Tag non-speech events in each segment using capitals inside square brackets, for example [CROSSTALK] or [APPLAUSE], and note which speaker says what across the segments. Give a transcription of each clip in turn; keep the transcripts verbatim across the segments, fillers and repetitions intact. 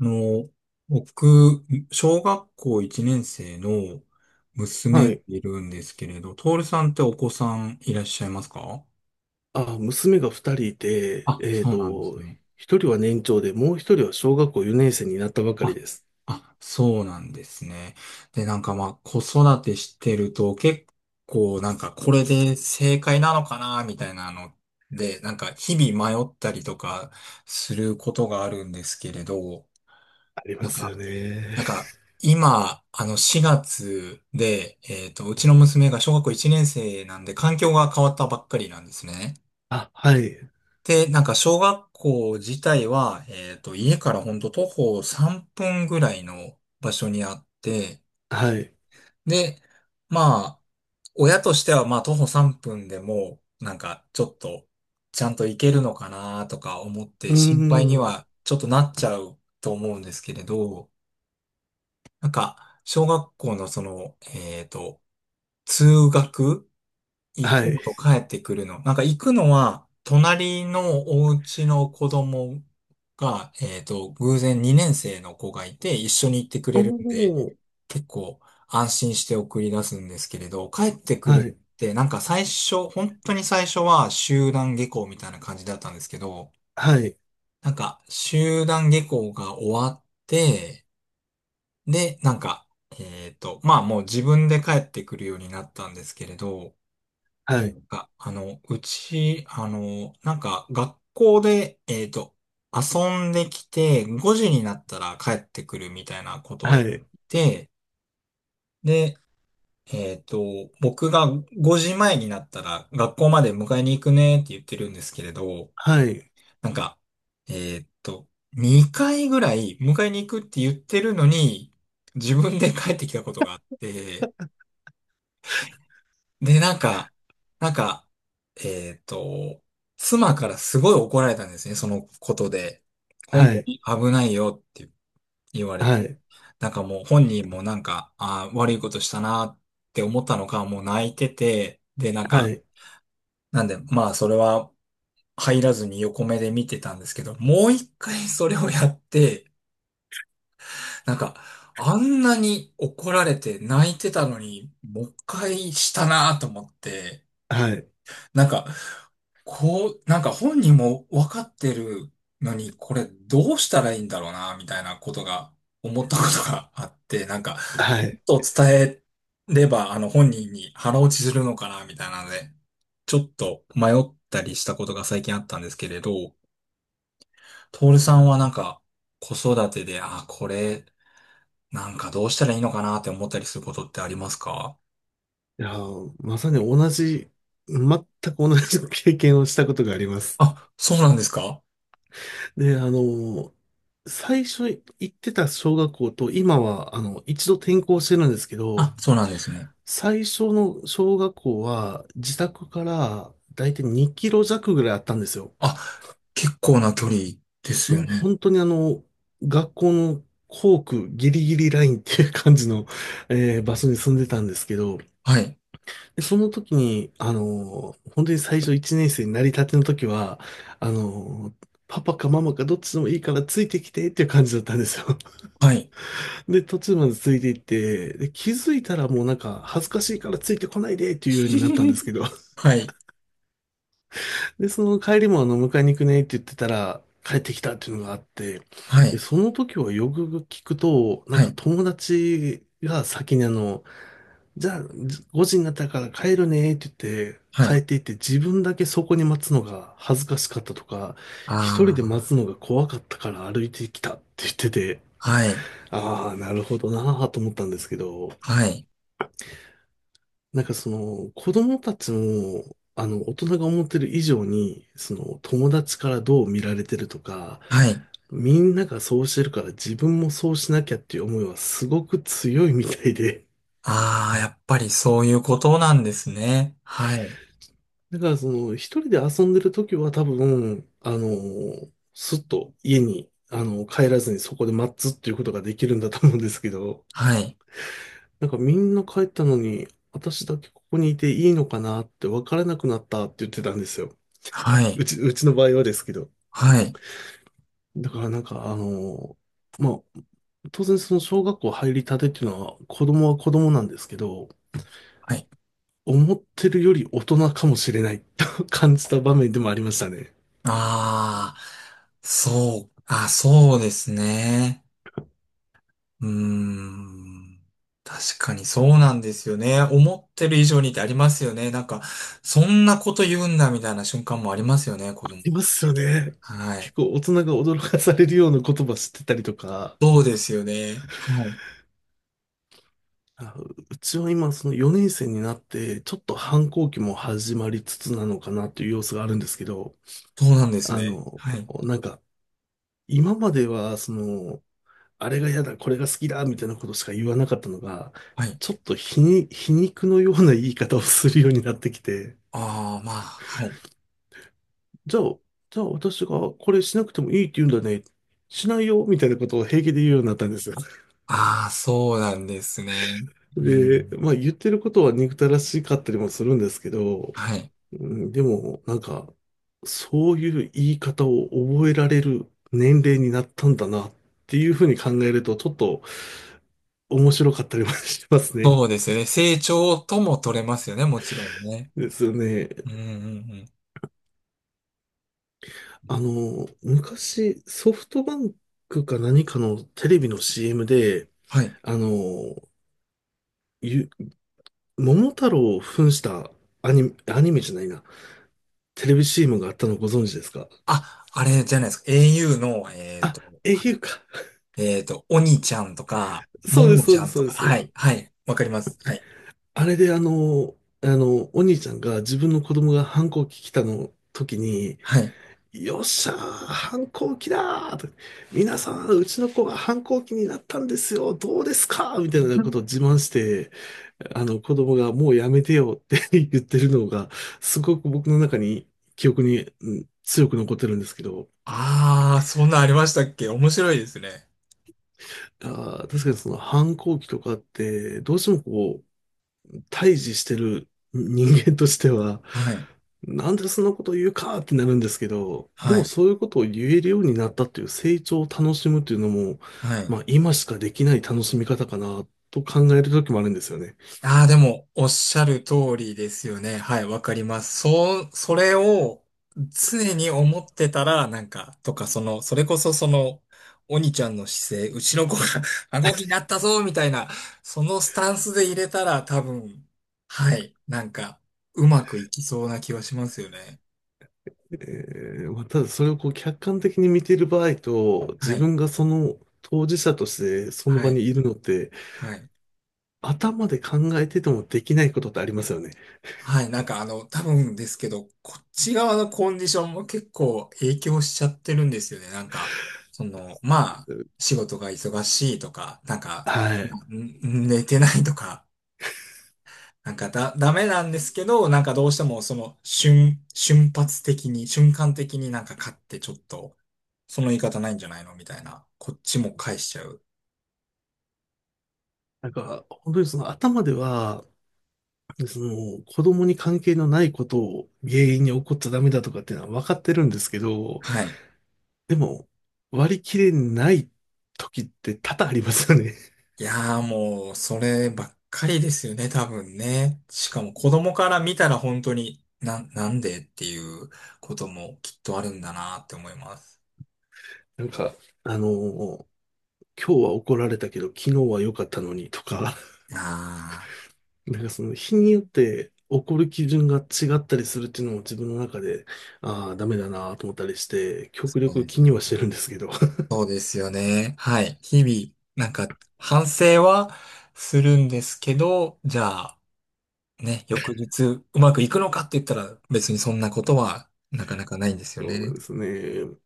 Speaker 1: あの、僕、小学校いちねん生の娘
Speaker 2: は
Speaker 1: が
Speaker 2: い。
Speaker 1: いるんですけれど、トールさんってお子さんいらっしゃいますか？
Speaker 2: あ、娘が二人いて、
Speaker 1: あ、
Speaker 2: えっ
Speaker 1: そうなんです
Speaker 2: と、
Speaker 1: ね。
Speaker 2: 一人は年長で、もう一人は小学校よねん生になったばかり
Speaker 1: あ、
Speaker 2: です。
Speaker 1: あ、そうなんですね。で、なんかまあ、子育てしてると結構なんかこれで正解なのかな、みたいなので、なんか日々迷ったりとかすることがあるんですけれど、
Speaker 2: ありま
Speaker 1: なん
Speaker 2: すよ
Speaker 1: か
Speaker 2: ね。
Speaker 1: なんか、今、あの、しがつで、えっと、うちの娘が小学校いちねん生なんで、環境が変わったばっかりなんですね。
Speaker 2: [LAUGHS] あ、はい。
Speaker 1: で、なんか、小学校自体は、えっと、家からほんと徒歩さんぷんぐらいの場所にあって、
Speaker 2: はい。
Speaker 1: で、まあ、親としては、まあ、徒歩さんぷんでも、なんか、ちょっと、ちゃんと行けるのかなとか思っ
Speaker 2: う
Speaker 1: て、
Speaker 2: ー
Speaker 1: 心配に
Speaker 2: ん。
Speaker 1: は、ちょっとなっちゃうと思うんですけれど、なんか、小学校のその、えっと、通学、行
Speaker 2: は
Speaker 1: くの
Speaker 2: い。
Speaker 1: と帰ってくるの。なんか行くのは、隣のお家の子供が、えっと、偶然にねん生の子がいて、一緒に行ってく
Speaker 2: お
Speaker 1: れるんで、
Speaker 2: ー。
Speaker 1: 結構安心して送り出すんですけれど、帰ってく
Speaker 2: は
Speaker 1: る
Speaker 2: い。
Speaker 1: って、なんか最初、本当に最初は集団下校みたいな感じだったんですけど、
Speaker 2: はい。
Speaker 1: なんか集団下校が終わって、で、なんか、えっと、まあもう自分で帰ってくるようになったんですけれど、
Speaker 2: はい。
Speaker 1: あ、あの、うち、あの、なんか学校で、えっと、遊んできて、ごじになったら帰ってくるみたいなことを
Speaker 2: は
Speaker 1: やっ
Speaker 2: い。
Speaker 1: て、で、えっと、僕がごじまえになったら学校まで迎えに行くねって言ってるんですけれど、
Speaker 2: はい。
Speaker 1: なんか、えっと、にかいぐらい迎えに行くって言ってるのに、自分で帰ってきたことがあって、で、なんか、なんか、えっと、妻からすごい怒られたんですね、そのことで。本
Speaker 2: は
Speaker 1: 当
Speaker 2: い。
Speaker 1: に危ないよって言われ
Speaker 2: は
Speaker 1: て。
Speaker 2: い。
Speaker 1: なんかもう本人もなんか、あー悪いことしたなって思ったのか、もう泣いてて、で、なん
Speaker 2: は
Speaker 1: か、
Speaker 2: い。
Speaker 1: なんで、まあそれは入らずに横目で見てたんですけど、もう一回それをやって、なんか、あんなに怒られて泣いてたのに、もう一回したなと思って、
Speaker 2: はい。
Speaker 1: なんか、こう、なんか本人も分かってるのに、これどうしたらいいんだろうな、みたいなことが、思ったことがあって、なんか、ち
Speaker 2: はい。
Speaker 1: ょっと伝えれば、あの本人に腹落ちするのかな、みたいなので、ちょっと迷ったりしたことが最近あったんですけれど、トールさんはなんか、子育てで、あ、これ、なんかどうしたらいいのかなって思ったりすることってありますか？
Speaker 2: いやー、まさに同じ、全く同じ経験をしたことがあります。
Speaker 1: あ、そうなんですか？
Speaker 2: で、あの、最初行ってた小学校と今は、あの、一度転校してるんですけど、
Speaker 1: あ、そうなんですね。
Speaker 2: 最初の小学校は自宅からだいたいにキロ弱ぐらいあったんですよ。
Speaker 1: あ、結構な距離です
Speaker 2: も
Speaker 1: よ
Speaker 2: う
Speaker 1: ね。
Speaker 2: 本当にあの、学校の校区ギリギリラインっていう感じの、えー場所に住んでたんですけど、
Speaker 1: はい。
Speaker 2: でその時に、あの、本当に最初いちねん生になりたての時は、あの、パパかママかどっちでもいいからついてきてっていう感じだったんですよ。
Speaker 1: はい。
Speaker 2: で、途中までついていって、で、気づいたらもうなんか恥ずかしいからついてこないでっていうようになったんです
Speaker 1: [LAUGHS]
Speaker 2: けど、[LAUGHS]
Speaker 1: はい。
Speaker 2: で、その帰りもあの、迎えに行くねって言ってたら、帰ってきたっていうのがあって、
Speaker 1: は
Speaker 2: で、
Speaker 1: い。
Speaker 2: その時はよく聞くと、なん
Speaker 1: は
Speaker 2: か
Speaker 1: い。
Speaker 2: 友達が先にあの、じゃあごじになったから帰るねって言って、
Speaker 1: は
Speaker 2: 帰
Speaker 1: い。
Speaker 2: っていって自分だけそこに待つのが恥ずかしかったとか、一人
Speaker 1: あ
Speaker 2: で待つのが怖かったから歩いてきたって言ってて、
Speaker 1: あ、はい。
Speaker 2: ああ、なるほどなぁと思ったんですけど、
Speaker 1: はい。
Speaker 2: なんかその子供たちも、あの、大人が思ってる以上に、その友達からどう見られてるとか、
Speaker 1: はい。
Speaker 2: みんながそうしてるから自分もそうしなきゃっていう思いはすごく強いみたいで。
Speaker 1: ああ、やっぱりそういうことなんですね。はい。
Speaker 2: [LAUGHS] だからその一人で遊んでる時は多分、あの、すっと家に、あの、帰らずにそこで待つっていうことができるんだと思うんですけど、
Speaker 1: はい。
Speaker 2: なんかみんな帰ったのに、私だけここにいていいのかなって分からなくなったって言ってたんですよ。
Speaker 1: は
Speaker 2: う
Speaker 1: い。
Speaker 2: ち、うちの場合はですけど。
Speaker 1: はい。
Speaker 2: だからなんか、あの、まあ、当然その小学校入りたてっていうのは、子供は子供なんですけど、
Speaker 1: はい。
Speaker 2: 思ってるより大人かもしれないと [LAUGHS] 感じた場面でもありましたね。
Speaker 1: ああ、そう、あ、そうですね。うーん。確かにそうなんですよね。思ってる以上にってありますよね。なんか、そんなこと言うんだみたいな瞬間もありますよね、子供。
Speaker 2: いますよ
Speaker 1: て、
Speaker 2: ね。
Speaker 1: は
Speaker 2: 結
Speaker 1: い。
Speaker 2: 構大人が驚かされるような言葉知ってたりとか、
Speaker 1: そうですよね。はい。
Speaker 2: あうちは今そのよねん生になって、ちょっと反抗期も始まりつつなのかなという様子があるんですけど、
Speaker 1: そうなんです
Speaker 2: あ
Speaker 1: ね。
Speaker 2: の、
Speaker 1: はい。
Speaker 2: なんか、今まではその、あれが嫌だ、これが好きだ、みたいなことしか言わなかったのが、
Speaker 1: はい。
Speaker 2: ちょっと皮に、皮肉のような言い方をするようになってきて、
Speaker 1: ああ、まあ、はい。
Speaker 2: じゃあ、じゃあ私がこれしなくてもいいって言うんだね。しないよ、みたいなことを平気で言うようになったんですよ。
Speaker 1: ああ、そうなんですね。う
Speaker 2: で、
Speaker 1: ん。
Speaker 2: まあ言ってることは憎たらしかったりもするんですけど、
Speaker 1: はい。
Speaker 2: うん、でもなんか、そういう言い方を覚えられる年齢になったんだなっていうふうに考えると、ちょっと面白かったりもしますね。
Speaker 1: そうですよね。成長とも取れますよね、もちろんね。
Speaker 2: ですよね。
Speaker 1: うんうんうん。
Speaker 2: あの、昔、ソフトバンクか何かのテレビの シーエム で、
Speaker 1: はい。
Speaker 2: あの、ゆ、桃太郎を扮したアニメ、アニメじゃないな、テレビ シーエム があったのご存知ですか？
Speaker 1: あ、あれじゃないですか。au の、えっ
Speaker 2: あ、
Speaker 1: と、
Speaker 2: au か。
Speaker 1: えっと、おにちゃんとか、も
Speaker 2: そうで
Speaker 1: も
Speaker 2: す、そ
Speaker 1: ち
Speaker 2: う
Speaker 1: ゃ
Speaker 2: です、
Speaker 1: ん
Speaker 2: そ
Speaker 1: と
Speaker 2: うで
Speaker 1: か、は
Speaker 2: す。
Speaker 1: い、はい、わかります。はい、
Speaker 2: あれであの、あの、お兄ちゃんが自分の子供が反抗期来たの時に、
Speaker 1: はい。
Speaker 2: よっしゃー、反抗期だーと。皆さん、うちの子が反抗期になったんですよ。どうですかみたいなことを自慢して、あの子供がもうやめてよって [LAUGHS] 言ってるのが、すごく僕の中に記憶に、うん強く残ってるんですけど、
Speaker 1: ああ、そんなありましたっけ？面白いですね。
Speaker 2: あー確かにその反抗期とかって、どうしてもこう、対峙してる人間としては、
Speaker 1: はい、
Speaker 2: なんでそんなこと言うかってなるんですけど、で
Speaker 1: は
Speaker 2: も
Speaker 1: い、
Speaker 2: そういうことを言えるようになったっていう成長を楽しむっていうのも、
Speaker 1: はい。
Speaker 2: まあ今しかできない楽しみ方かなと考える時もあるんですよね。
Speaker 1: ああ、でも、おっしゃる通りですよね。はい、わかります。そう、それを常に思ってたら、なんか、とか、その、それこそその、鬼ちゃんの姿勢、うちの子が [LAUGHS] 顎気になったぞ、みたいな、そのスタンスで入れたら、多分、はい、なんか、うまくいきそうな気はしますよね。
Speaker 2: えーまあ、ただそれをこう客観的に見ている場合と、
Speaker 1: は
Speaker 2: 自
Speaker 1: い、
Speaker 2: 分がその当事者としてその
Speaker 1: は
Speaker 2: 場
Speaker 1: い、
Speaker 2: にいるのって、
Speaker 1: はい。
Speaker 2: 頭で考えててもできないことってありますよね。
Speaker 1: はい、なんかあの、多分ですけど、こっち側のコンディションも結構影響しちゃってるんですよね。なんか、その、まあ、仕事が忙しいとか、なんか、
Speaker 2: はい。
Speaker 1: ん寝てないとか、なんかだ、ダメなんですけど、なんかどうしてもその瞬、瞬発的に、瞬間的になんか勝ってちょっと、その言い方ないんじゃないのみたいな、こっちも返しちゃう。
Speaker 2: なんか、本当にその頭ではで、その、子供に関係のないことを原因に起こっちゃダメだとかっていうのは分かってるんですけど、
Speaker 1: はい。
Speaker 2: でも、割り切れない時って多々ありますよね。
Speaker 1: いやーもう、そればっかりですよね、多分ね。しかも子供から見たら本当に、な、なんでっていうこともきっとあるんだなって思います。
Speaker 2: [LAUGHS] なんか、あの、今日は怒られたけど、昨日は良かったのにとか、
Speaker 1: ああ、
Speaker 2: [LAUGHS] なんかその日によって怒る基準が違ったりするっていうのも自分の中で、ああ、ダメだなと思ったりして、
Speaker 1: そ
Speaker 2: 極
Speaker 1: う
Speaker 2: 力
Speaker 1: です
Speaker 2: 気
Speaker 1: よ
Speaker 2: には
Speaker 1: ね。
Speaker 2: してるんですけど。[LAUGHS]
Speaker 1: そうですよね。はい。日々、なんか、反省はするんですけど、じゃあ、ね、翌日うまくいくのかって言ったら別にそんなことはなかなかないんですよ
Speaker 2: そうな
Speaker 1: ね。
Speaker 2: んですね。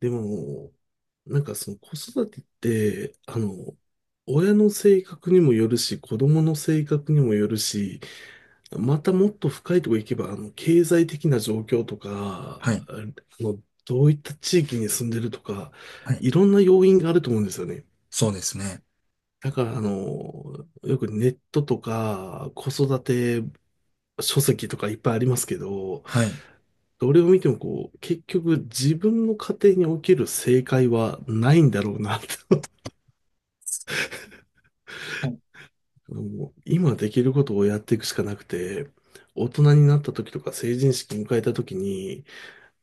Speaker 2: でも、なんかその子育てって、あの、親の性格にもよるし、子供の性格にもよるし、またもっと深いところ行けば、あの、経済的な状況とか、
Speaker 1: はい。
Speaker 2: あの、どういった地域に住んでるとか、
Speaker 1: はい。
Speaker 2: いろんな要因があると思うんですよね。
Speaker 1: そうですね。
Speaker 2: だから、あの、よくネットとか、子育て書籍とかいっぱいありますけど、
Speaker 1: はい。
Speaker 2: どれを見てもこう、結局自分の家庭における正解はないんだろうなと
Speaker 1: はい、
Speaker 2: もう今できることをやっていくしかなくて、大人になった時とか成人式迎えた時に、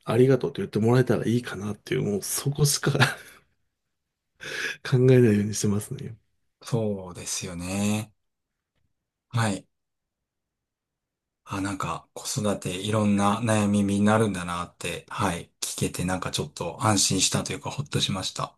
Speaker 2: ありがとうと言ってもらえたらいいかなっていう、もうそこしか [LAUGHS] 考えないようにしてますね。
Speaker 1: そうですよね。はい。あ、なんか、子育ていろんな悩みになるんだなって、はい、聞けて、なんかちょっと安心したというか、ほっとしました。